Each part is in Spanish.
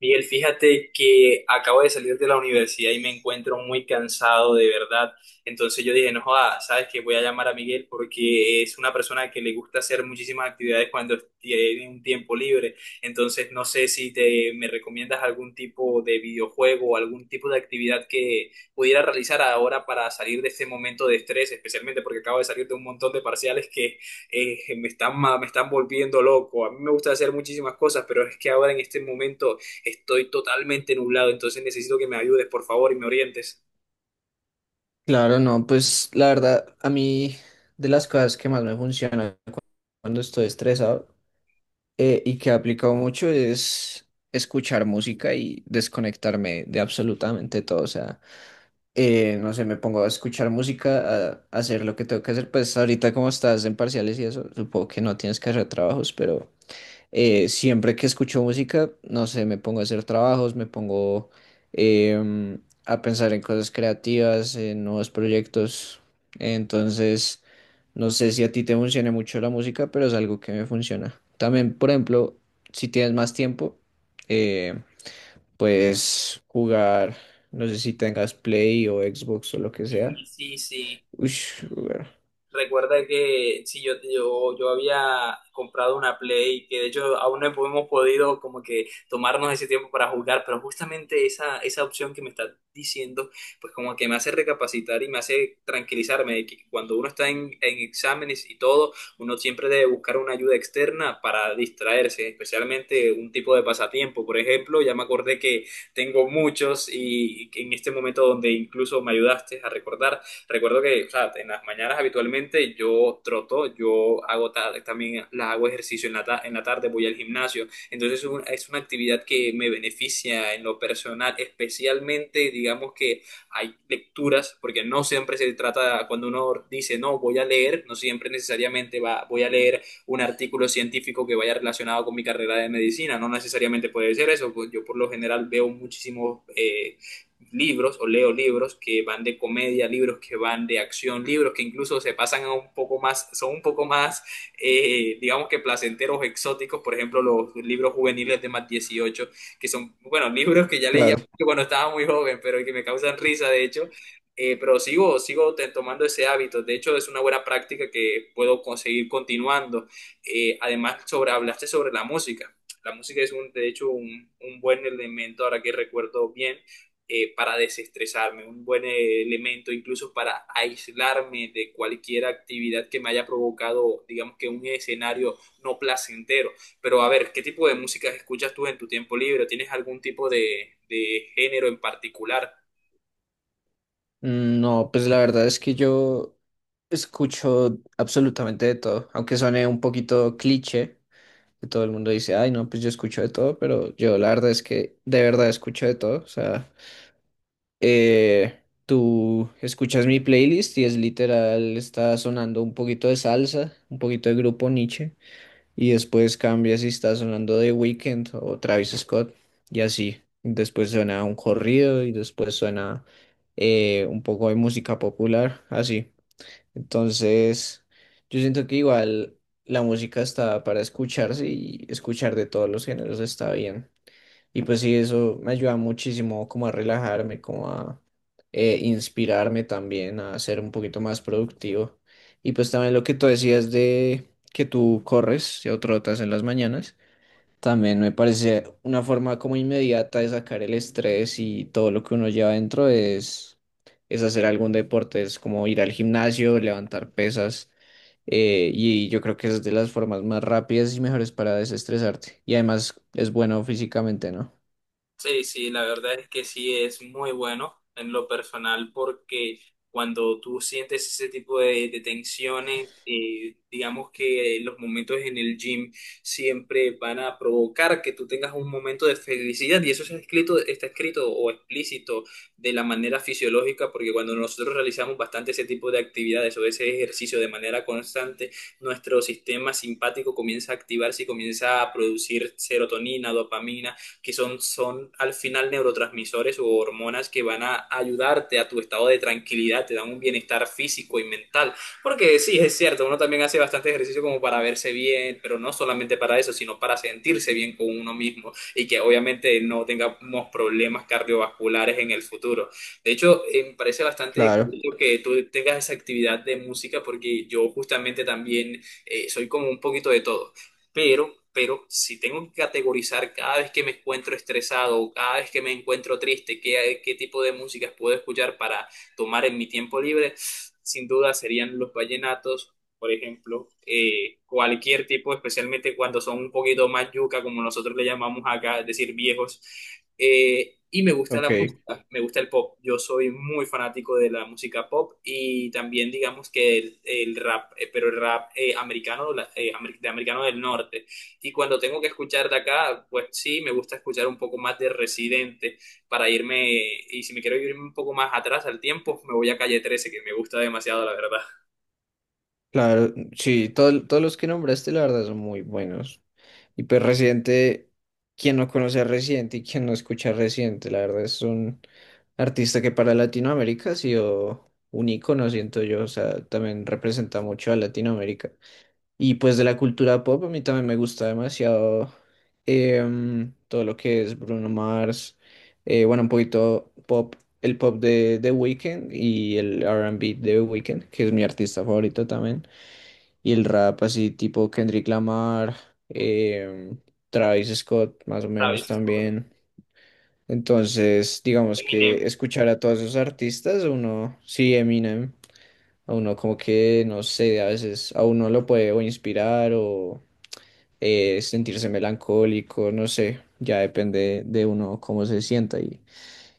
Miguel, fíjate que acabo de salir de la universidad y me encuentro muy cansado de verdad. Entonces yo dije, no joda, sabes que voy a llamar a Miguel porque es una persona que le gusta hacer muchísimas actividades cuando tiene un tiempo libre. Entonces no sé si te me recomiendas algún tipo de videojuego o algún tipo de actividad que pudiera realizar ahora para salir de este momento de estrés, especialmente porque acabo de salir de un montón de parciales que me están volviendo loco. A mí me gusta hacer muchísimas cosas, pero es que ahora en este momento estoy totalmente nublado, entonces necesito que me ayudes, por favor, y me orientes. Claro, no, pues la verdad, a mí de las cosas que más me funcionan cuando estoy estresado, y que he aplicado mucho es escuchar música y desconectarme de absolutamente todo. O sea, no sé, me pongo a escuchar música, a hacer lo que tengo que hacer. Pues ahorita como estás en parciales y eso, supongo que no tienes que hacer trabajos, pero siempre que escucho música, no sé, me pongo a hacer trabajos, me pongo a pensar en cosas creativas, en nuevos proyectos. Entonces, no sé si a ti te funciona mucho la música, pero es algo que me funciona. También, por ejemplo, si tienes más tiempo, eh, puedes jugar, no sé si tengas Play o Xbox o lo que sea. Sí, sí, sí. Ush, jugar. Recuerda que si yo había comprado una Play, que de hecho aún no hemos podido como que tomarnos ese tiempo para jugar, pero justamente esa opción que me estás diciendo, pues como que me hace recapacitar y me hace tranquilizarme de que cuando uno está en exámenes y todo, uno siempre debe buscar una ayuda externa para distraerse, especialmente un tipo de pasatiempo. Por ejemplo, ya me acordé que tengo muchos y en este momento donde incluso me ayudaste a recordar. Recuerdo que, o sea, en las mañanas habitualmente yo troto, yo hago también la hago ejercicio en la, en la tarde, voy al gimnasio. Entonces es una actividad que me beneficia en lo personal, especialmente digamos que hay lecturas, porque no siempre se trata, cuando uno dice, no, voy a leer, no siempre necesariamente voy a leer un artículo científico que vaya relacionado con mi carrera de medicina, no necesariamente puede ser eso, pues yo por lo general veo muchísimos libros o leo libros que van de comedia, libros que van de acción, libros que incluso se pasan a un poco más, son un poco más, digamos que placenteros, exóticos, por ejemplo, los libros juveniles de más 18 que son, bueno, libros que ya leía Claro. mucho cuando estaba muy joven, pero que me causan risa, de hecho, pero sigo tomando ese hábito. De hecho, es una buena práctica que puedo conseguir continuando. Además, hablaste sobre la música. La música es, de hecho, un buen elemento, ahora que recuerdo bien, para desestresarme, un buen elemento incluso para aislarme de cualquier actividad que me haya provocado, digamos que un escenario no placentero. Pero a ver, ¿qué tipo de música escuchas tú en tu tiempo libre? ¿Tienes algún tipo de género en particular? No, pues la verdad es que yo escucho absolutamente de todo, aunque suene un poquito cliché, que todo el mundo dice, ay, no, pues yo escucho de todo, pero yo la verdad es que de verdad escucho de todo, o sea, tú escuchas mi playlist y es literal, está sonando un poquito de salsa, un poquito de grupo Niche y después cambia si está sonando The Weeknd o Travis Scott. Y así. Después suena un corrido y después suena un poco de música popular. Así. Entonces, yo siento que igual la música está para escucharse y escuchar de todos los géneros está bien. Y pues sí, eso me ayuda muchísimo como a relajarme, como a inspirarme también a ser un poquito más productivo. Y pues también lo que tú decías de que tú corres o trotas en las mañanas, también me parece una forma como inmediata de sacar el estrés y todo lo que uno lleva dentro es hacer algún deporte, es como ir al gimnasio, levantar pesas. Y yo creo que es de las formas más rápidas y mejores para desestresarte. Y además es bueno físicamente, ¿no? Sí, sí, la verdad es que sí es muy bueno en lo personal porque cuando tú sientes ese tipo de tensiones, digamos que los momentos en el gym siempre van a provocar que tú tengas un momento de felicidad y eso está escrito o explícito de la manera fisiológica porque cuando nosotros realizamos bastante ese tipo de actividades o ese ejercicio de manera constante, nuestro sistema simpático comienza a activarse y comienza a producir serotonina, dopamina que son al final neurotransmisores o hormonas que van a ayudarte a tu estado de tranquilidad, te dan un bienestar físico y mental. Porque sí, es cierto, uno también hace bastante ejercicio como para verse bien, pero no solamente para eso, sino para sentirse bien con uno mismo y que obviamente no tengamos problemas cardiovasculares en el futuro. De hecho, me parece bastante Claro, curioso que tú tengas esa actividad de música porque yo justamente también soy como un poquito de todo, pero si tengo que categorizar cada vez que me encuentro estresado o cada vez que me encuentro triste, qué tipo de músicas puedo escuchar para tomar en mi tiempo libre, sin duda serían los vallenatos por ejemplo, cualquier tipo, especialmente cuando son un poquito más yuca, como nosotros le llamamos acá, es decir, viejos. Y me gusta la ok, música, me gusta el pop. Yo soy muy fanático de la música pop y también digamos que el rap, pero el rap americano, de americano del norte. Y cuando tengo que escuchar de acá, pues sí, me gusta escuchar un poco más de Residente para irme, y si me quiero irme un poco más atrás al tiempo, me voy a Calle 13 que me gusta demasiado, la verdad. claro, sí, todos los que nombraste, la verdad, son muy buenos. Y pues Residente, quien no conoce a Residente y quien no escucha a Residente, la verdad es un artista que para Latinoamérica ha sido un ícono, siento yo, o sea, también representa mucho a Latinoamérica. Y pues de la cultura pop, a mí también me gusta demasiado todo lo que es Bruno Mars, bueno, un poquito pop, el pop de The Weeknd y el R and B de The Weeknd, que es mi artista favorito también, y el rap así tipo Kendrick Lamar, em, Travis Scott más o menos Travis también. Entonces, digamos que Eminem. escuchar a todos esos artistas, uno, sí, Eminem, a uno como que, no sé, a veces a uno lo puede o inspirar o sentirse melancólico, no sé, ya depende de uno cómo se sienta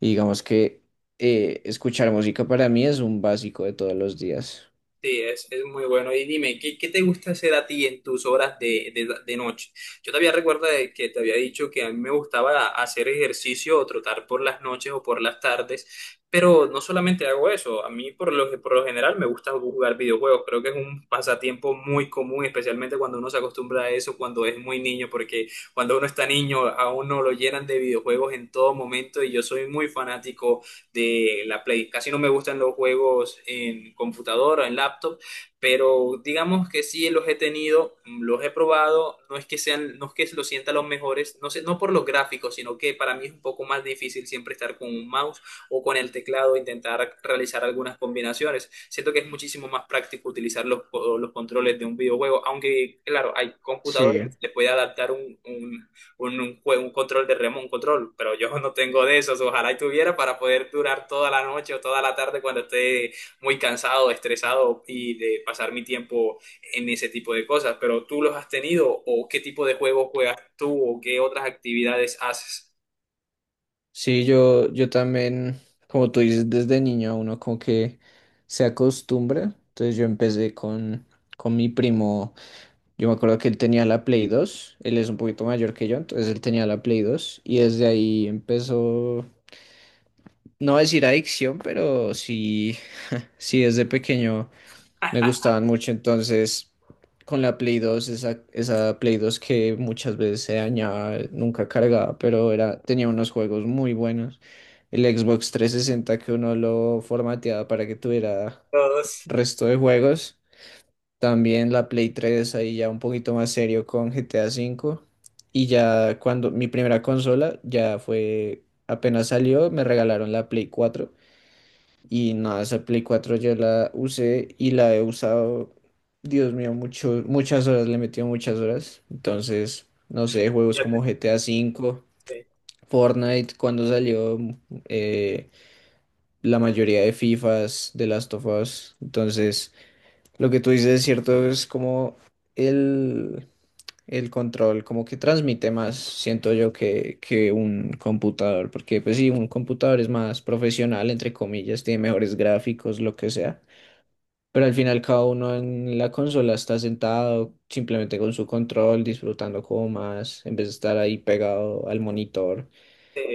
y digamos que escuchar música para mí es un básico de todos los días. Sí, es muy bueno. Y dime, ¿qué te gusta hacer a ti en tus horas de noche? Yo todavía recuerdo de que te había dicho que a mí me gustaba hacer ejercicio o trotar por las noches o por las tardes, pero no solamente hago eso, a mí por lo general me gusta jugar videojuegos. Creo que es un pasatiempo muy común, especialmente cuando uno se acostumbra a eso, cuando es muy niño, porque cuando uno está niño a uno lo llenan de videojuegos en todo momento y yo soy muy fanático de la Play. Casi no me gustan los juegos en computadora, en laptop, pero digamos que sí los he tenido, los he probado, no es que sean, no es que los sienta los mejores, no sé, no por los gráficos, sino que para mí es un poco más difícil siempre estar con un mouse o con el teclado, e intentar realizar algunas combinaciones. Siento que es muchísimo más práctico utilizar los controles de un videojuego, aunque claro, hay computadores que Sí, se les puede adaptar un control de remo, un control, pero yo no tengo de esos, ojalá y tuviera para poder durar toda la noche o toda la tarde cuando esté muy cansado, estresado y de pasar mi tiempo en ese tipo de cosas, pero ¿tú los has tenido o qué tipo de juegos juegas tú o qué otras actividades haces? sí, yo también, como tú dices, desde niño uno como que se acostumbra, entonces yo empecé con mi primo, yo me acuerdo que él tenía la Play 2, él es un poquito mayor que yo, entonces él tenía la Play 2 y desde ahí empezó, no voy a decir adicción, pero sí. Sí, desde pequeño me gustaban mucho, entonces con la Play 2, esa, esa Play 2 que muchas veces se dañaba, nunca cargaba, pero era, tenía unos juegos muy buenos. El Xbox 360 que uno lo formateaba para que tuviera Todos. resto de juegos. También la Play 3 ahí ya un poquito más serio con GTA V. Y ya cuando mi primera consola ya fue, apenas salió, me regalaron la Play 4. Y nada, esa Play 4 yo la usé y la he usado, Dios mío, mucho, muchas horas, le he metido muchas horas. Entonces, no sé, juegos como GTA 5, Sí, Fortnite, cuando salió eh, la mayoría de FIFAs, de Last of Us. Entonces, lo que tú dices es cierto, es como el, el control, como que transmite más, siento yo, que un computador. Porque, pues sí, un computador es más profesional, entre comillas, tiene mejores gráficos, lo que sea, pero al final cada uno en la consola está sentado simplemente con su control, disfrutando como más, en vez de estar ahí pegado al monitor.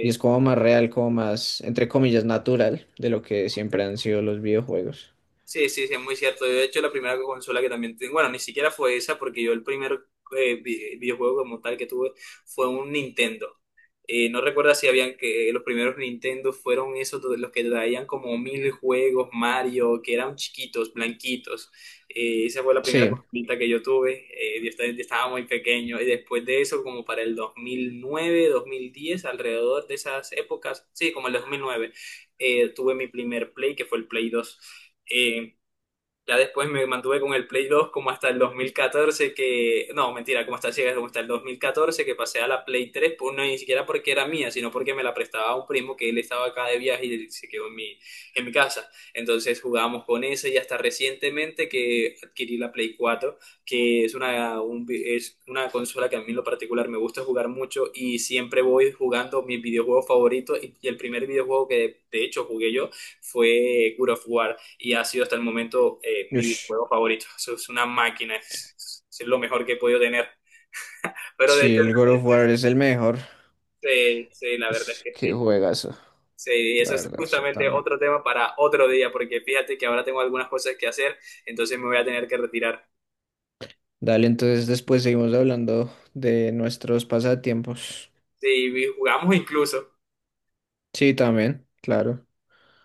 Y es como más real, como más, entre comillas, natural de lo que siempre han sido los videojuegos. Sí, sí, sí, es muy cierto. Yo, de hecho, la primera consola que también tengo, bueno, ni siquiera fue esa, porque yo el primer videojuego como tal que tuve fue un Nintendo. No recuerdo si habían que los primeros Nintendo fueron esos de los que traían como mil juegos, Mario, que eran chiquitos, blanquitos. Esa fue la primera Sí, consolita que yo tuve. Yo yo estaba muy pequeño. Y después de eso, como para el 2009, 2010, alrededor de esas épocas, sí, como el 2009, tuve mi primer Play, que fue el Play 2. Ya después me mantuve con el Play 2 como hasta el 2014 que... No, mentira, como hasta, sí, como hasta el 2014 que pasé a la Play 3, pues no ni siquiera porque era mía, sino porque me la prestaba un primo que él estaba acá de viaje y se quedó en mi casa. Entonces jugábamos con esa y hasta recientemente que adquirí la Play 4, que es es una consola que a mí en lo particular me gusta jugar mucho y siempre voy jugando mis videojuegos favoritos y el primer videojuego que de hecho jugué yo fue God of War y ha sido hasta el momento mi ush, videojuego favorito. Eso es una máquina, es lo mejor que he podido tener. Pero de sí, hecho, el God of War es el mejor. sí, sí, la verdad es Ush, que qué sí. juegazo, Sí, la eso es verdad, sí, justamente también. otro tema para otro día, porque fíjate que ahora tengo algunas cosas que hacer, entonces me voy a tener que retirar. Dale, entonces después seguimos hablando de nuestros pasatiempos. Sí, jugamos incluso. Sí, también, claro.